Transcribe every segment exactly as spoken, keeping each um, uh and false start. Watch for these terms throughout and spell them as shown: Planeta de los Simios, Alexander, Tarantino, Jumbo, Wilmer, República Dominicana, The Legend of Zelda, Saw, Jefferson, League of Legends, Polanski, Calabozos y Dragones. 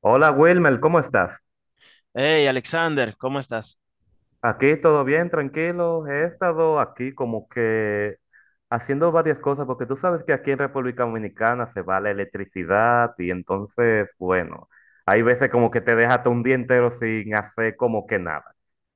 Hola Wilmer, ¿cómo estás? Hey, Alexander, ¿cómo estás? Aquí todo bien, tranquilo. He estado aquí como que haciendo varias cosas, porque tú sabes que aquí en República Dominicana se va la electricidad y entonces, bueno, hay veces como que te dejas un día entero sin hacer como que nada.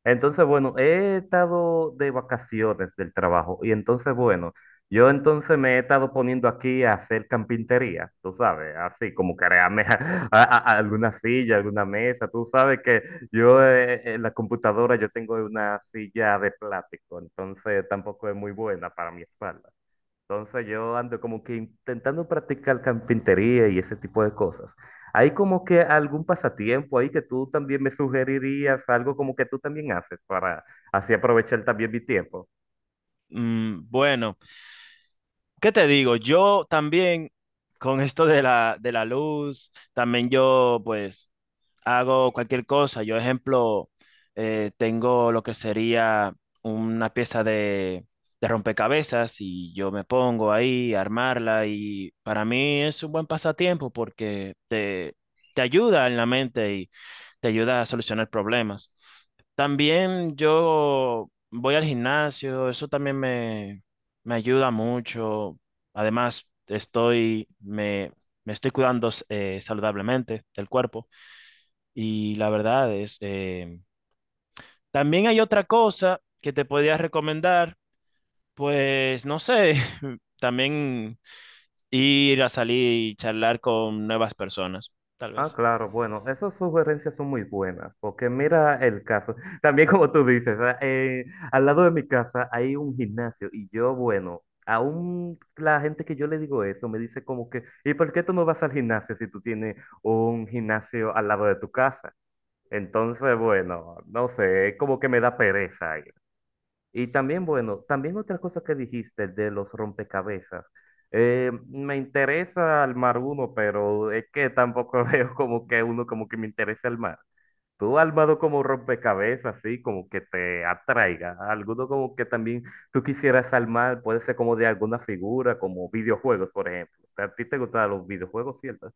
Entonces, bueno, he estado de vacaciones del trabajo y entonces, bueno, yo entonces me he estado poniendo aquí a hacer carpintería, tú sabes, así como crearme a- a- a- alguna silla, alguna mesa, tú sabes que... Yo eh, en la computadora yo tengo una silla de plástico, entonces tampoco es muy buena para mi espalda. Entonces yo ando como que intentando practicar carpintería y ese tipo de cosas. ¿Hay como que algún pasatiempo ahí que tú también me sugerirías, algo como que tú también haces para así aprovechar también mi tiempo? Mm, bueno, ¿qué te digo? Yo también con esto de la, de la luz, también yo pues hago cualquier cosa. Yo, ejemplo, eh, tengo lo que sería una pieza de, de rompecabezas y yo me pongo ahí a armarla y para mí es un buen pasatiempo porque te, te ayuda en la mente y te ayuda a solucionar problemas. También yo voy al gimnasio, eso también me, me ayuda mucho. Además, estoy, me, me estoy cuidando eh, saludablemente del cuerpo. Y la verdad es, eh, también hay otra cosa que te podía recomendar, pues no sé, también ir a salir y charlar con nuevas personas, tal Ah, vez. claro, bueno, esas sugerencias son muy buenas, porque mira el caso, también como tú dices, ah, eh, al lado de mi casa hay un gimnasio y yo, bueno, aún la gente que yo le digo eso me dice como que, ¿y por qué tú no vas al gimnasio si tú tienes un gimnasio al lado de tu casa? Entonces, bueno, no sé, es como que me da pereza. Y también, bueno, también otra cosa que dijiste de los rompecabezas. Eh, me interesa armar uno, pero es que tampoco veo como que uno como que me interesa armar. Tú has armado como rompecabezas, así como que te atraiga. Alguno como que también tú quisieras armar, puede ser como de alguna figura, como videojuegos, por ejemplo. ¿A ti te gustan los videojuegos, cierto?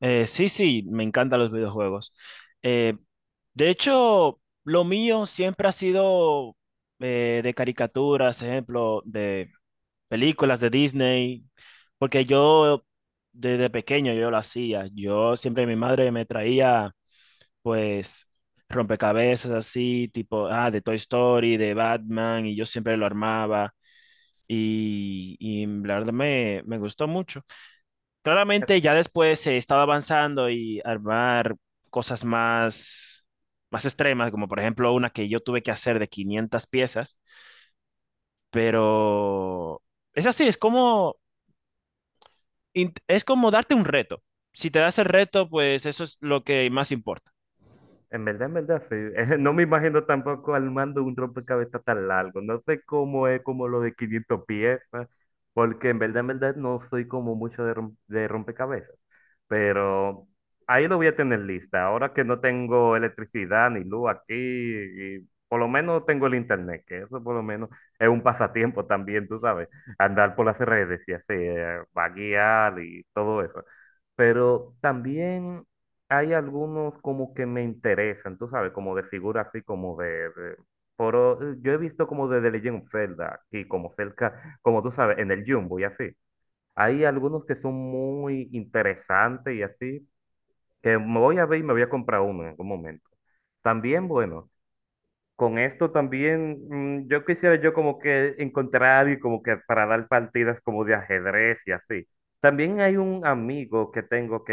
Eh, sí, sí, me encantan los videojuegos. Eh, de hecho, lo mío siempre ha sido eh, de caricaturas, ejemplo, de películas de Disney, porque yo desde pequeño yo lo hacía. Yo siempre mi madre me traía pues rompecabezas así, tipo, ah, de Toy Story, de Batman, y yo siempre lo armaba. Y, y la verdad me, me gustó mucho. Claramente ya después he estado avanzando y armar cosas más, más extremas, como por ejemplo una que yo tuve que hacer de quinientas piezas, pero es así, es como int- es como darte un reto. Si te das el reto, pues eso es lo que más importa. En verdad, en verdad, sí. No me imagino tampoco armando un rompecabezas tan largo. No sé cómo es como lo de quinientas piezas, porque en verdad, en verdad, no soy como mucho de, rom- de rompecabezas. Pero ahí lo voy a tener lista. Ahora que no tengo electricidad ni luz aquí, y por lo menos tengo el internet, que eso por lo menos es un pasatiempo también, tú sabes. Andar por las redes y así, eh, vaguear y todo eso. Pero también hay algunos como que me interesan, tú sabes, como de figura así como de, de- pero eh, yo he visto como de The Legend of Zelda, aquí como cerca, como tú sabes, en el Jumbo y así. Hay algunos que son muy interesantes y así, que me voy a ver y me voy a comprar uno en algún momento. También, bueno. Con esto también, mm, yo quisiera yo como que encontrar a alguien como que para dar partidas como de ajedrez y así. También hay un amigo que tengo que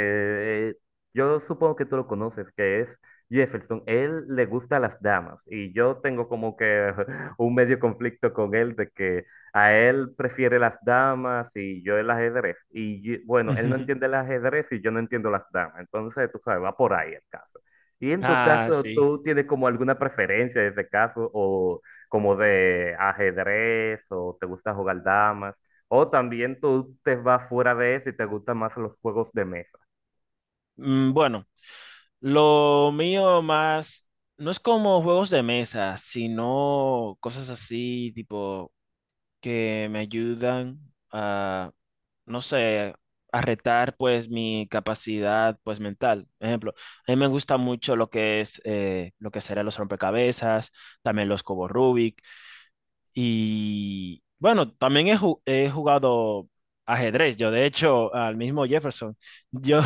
eh, yo supongo que tú lo conoces, que es Jefferson. Él le gusta las damas y yo tengo como que un medio conflicto con él de que a él prefiere las damas y yo el ajedrez. Y yo- bueno, él no entiende el ajedrez y yo no entiendo las damas. Entonces, tú sabes, va por ahí el caso. Y en tu Ah, caso, sí. ¿tú tienes como alguna preferencia en ese caso? ¿O como de ajedrez? ¿O te gusta jugar damas? ¿O también tú te vas fuera de eso y te gustan más los juegos de mesa? Mm, Bueno, lo mío más no es como juegos de mesa, sino cosas así tipo que me ayudan a, no sé, a retar pues mi capacidad pues mental. Ejemplo, a mí me gusta mucho lo que es eh, lo que serán los rompecabezas, también los cubos Rubik y bueno, también he, ju- he jugado ajedrez. Yo de hecho al mismo Jefferson, yo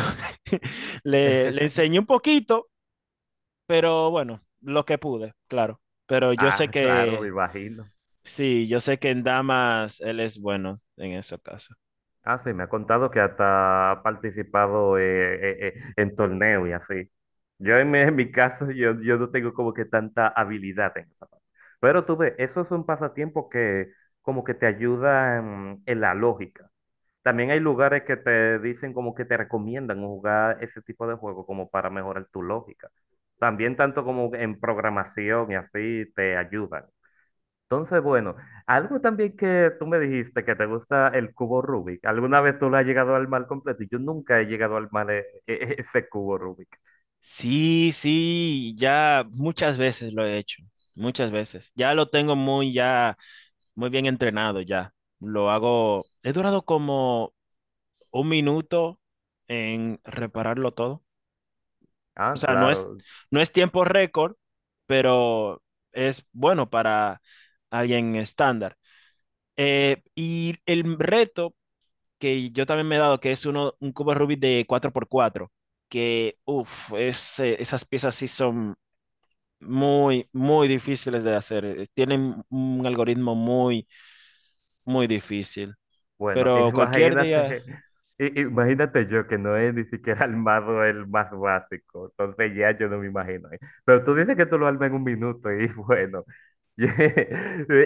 le, le enseñé un poquito, pero bueno, lo que pude, claro. Pero yo sé Ah, claro, me que imagino. sí, yo sé que en damas él es bueno en ese caso. Ah, sí, me ha contado que hasta ha participado eh, eh, eh, en torneos y así. Yo en mi, en mi caso, yo, yo no tengo como que tanta habilidad en esa parte. Pero tú ves, eso es un pasatiempo que como que te ayuda en en la lógica. También hay lugares que te dicen como que te recomiendan jugar ese tipo de juego como para mejorar tu lógica. También tanto como en programación y así te ayudan. Entonces, bueno, algo también que tú me dijiste que te gusta el cubo Rubik. ¿Alguna vez tú lo has llegado al mal completo? Yo nunca he llegado al mal eh, ese cubo Rubik. Sí, sí, ya muchas veces lo he hecho, muchas veces. Ya lo tengo muy, ya, Muy bien entrenado ya. Lo hago, he durado como un minuto en repararlo todo. O Ah, sea, no es, claro. no es tiempo récord, pero es bueno para alguien estándar. Eh, y el reto que yo también me he dado, que es uno, un cubo Rubik de cuatro por cuatro que, uff, esas piezas sí son muy, muy difíciles de hacer. eh, Tienen un algoritmo muy, muy difícil. Bueno, Pero cualquier día... imagínate, i- imagínate yo que no es ni siquiera el mazo el más básico, entonces ya yo no me imagino ahí. Pero tú dices que tú lo armas en un minuto y bueno,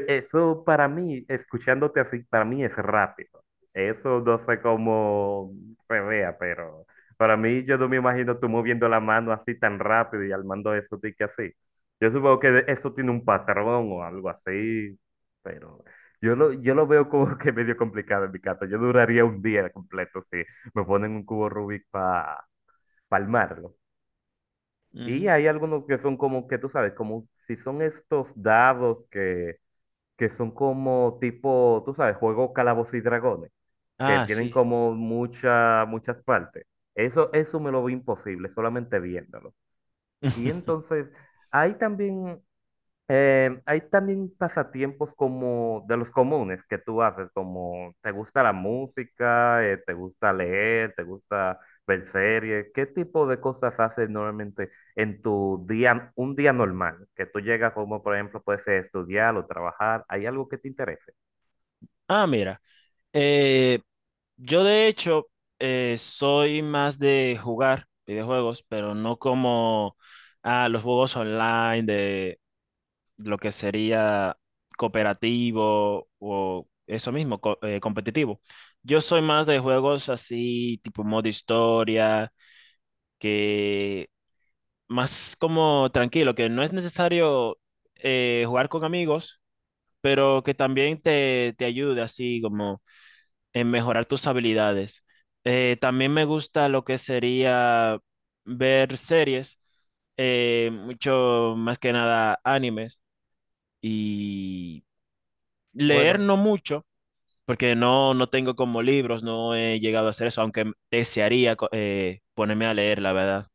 eso para mí, escuchándote así, para mí es rápido. Eso no sé cómo se vea, pero para mí yo no me imagino tú moviendo la mano así tan rápido y armando eso de que así. Yo supongo que eso tiene un patrón o algo así, pero... Yo lo, yo lo veo como que medio complicado en mi caso. Yo duraría un día completo si me ponen un cubo Rubik para palmarlo. Y Ujú. hay algunos que son como que tú sabes, como si son estos dados que, que son como tipo, tú sabes, juego Calabozos y Dragones, que Ah, tienen sí. como mucha, muchas partes. Eso, eso me lo veo imposible, solamente viéndolo. Y entonces, hay también Eh, hay también pasatiempos como de los comunes que tú haces, como te gusta la música, eh, te gusta leer, te gusta ver series. ¿Qué tipo de cosas haces normalmente en tu día, un día normal? Que tú llegas como, por ejemplo, puedes estudiar o trabajar. ¿Hay algo que te interese? Ah, mira. eh, yo de hecho eh, soy más de jugar videojuegos, pero no como ah, los juegos online de lo que sería cooperativo o eso mismo, co- eh, competitivo. Yo soy más de juegos así, tipo modo historia, que más como tranquilo, que no es necesario eh, jugar con amigos, pero que también te, te ayude así como en mejorar tus habilidades. Eh, también me gusta lo que sería ver series, eh, mucho más que nada animes. Y leer Bueno, no mucho, porque no, no tengo como libros, no he llegado a hacer eso, aunque desearía co- eh, ponerme a leer, la verdad.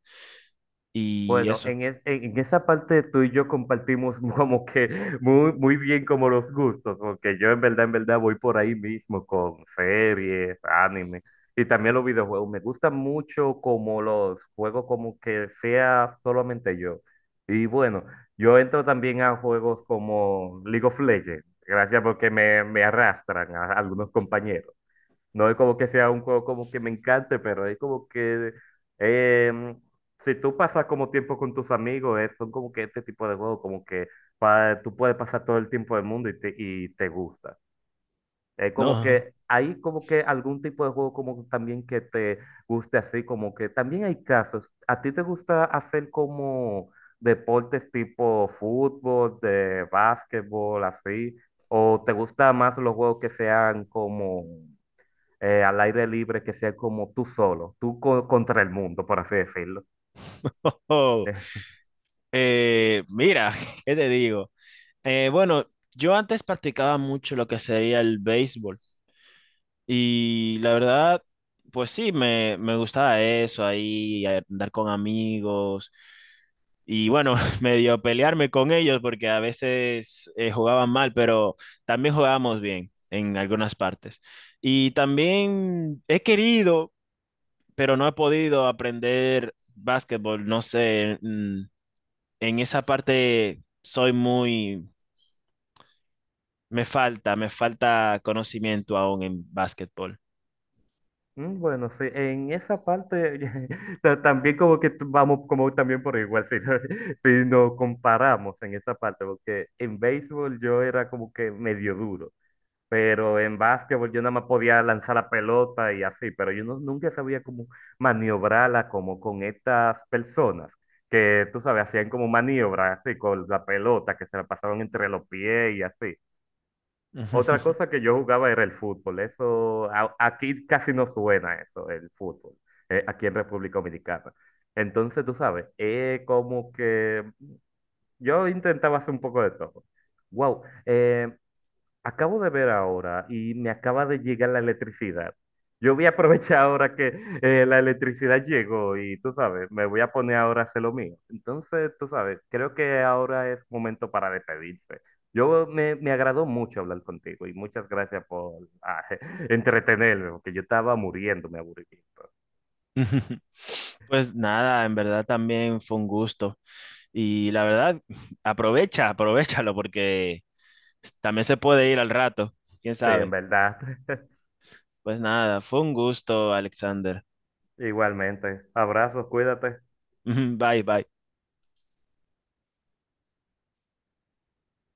Y Bueno, eso, en, es- en esa parte tú y yo compartimos como que muy, muy bien como los gustos, porque yo en verdad, en verdad voy por ahí mismo con series, anime y también los videojuegos. Me gustan mucho como los juegos como que sea solamente yo. Y bueno, yo entro también a juegos como League of Legends, gracias porque me, me arrastran a algunos compañeros. No es como que sea un juego como que me encante, pero es como que em, si tú pasas como tiempo con tus amigos, eh, son como que este tipo de juegos, como que pa- tú puedes pasar todo el tiempo del mundo y te, y te gusta. Es como no. que hay como que algún tipo de juego como también que te guste así, como que también hay casos. ¿A ti te gusta hacer como deportes tipo fútbol, de básquetbol, así? ¿O te gusta más los juegos que sean como eh, al aire libre que sea como tú solo, tú co- contra el mundo, por así decirlo. Oh, eh, mira, ¿qué te digo? Eh, bueno, yo antes practicaba mucho lo que sería el béisbol. Y la verdad, pues sí, me, me gustaba eso, ahí andar con amigos y bueno, medio pelearme con ellos porque a veces eh, jugaban mal, pero también jugábamos bien en algunas partes. Y también he querido, pero no he podido aprender básquetbol, no sé, mm, en esa parte soy muy, me falta, me falta conocimiento aún en básquetbol. Eh, mm, bueno, sí, en esa parte ta- también como que t- vamos como también por igual, si, no- si nos comparamos en esa parte, porque en béisbol yo era como que medio duro. Pero en básquetbol yo nada más podía lanzar la pelota y así, pero yo no- nunca sabía cómo maniobrarla como con estas personas que, tú sabes, hacían como maniobras así con la pelota, que se la pasaban entre los pies y así. Otra cosa que yo jugaba era el fútbol. Eso, a- aquí casi no suena eso, el fútbol, eh, aquí en República Dominicana. Entonces, tú sabes, eh, como que yo intentaba hacer un poco de todo. Wow, acabo de ver ahora y me acaba de llegar la electricidad. Yo voy a aprovechar ahora que eh, la electricidad llegó y tú sabes, me voy a poner ahora a hacer lo mío. Entonces, tú sabes, creo que ahora es momento para despedirse. Yo me, me agradó mucho hablar contigo y muchas gracias por ah, entretenerme, porque yo estaba muriéndome me aburrimiento. Pues nada, en verdad también fue un gusto. Y la verdad, aprovecha, aprovechalo porque también se puede ir al rato, quién Sí, en sabe. verdad. Pues nada, fue un gusto, Alexander. Igualmente. Abrazos, cuídate. Bye, bye.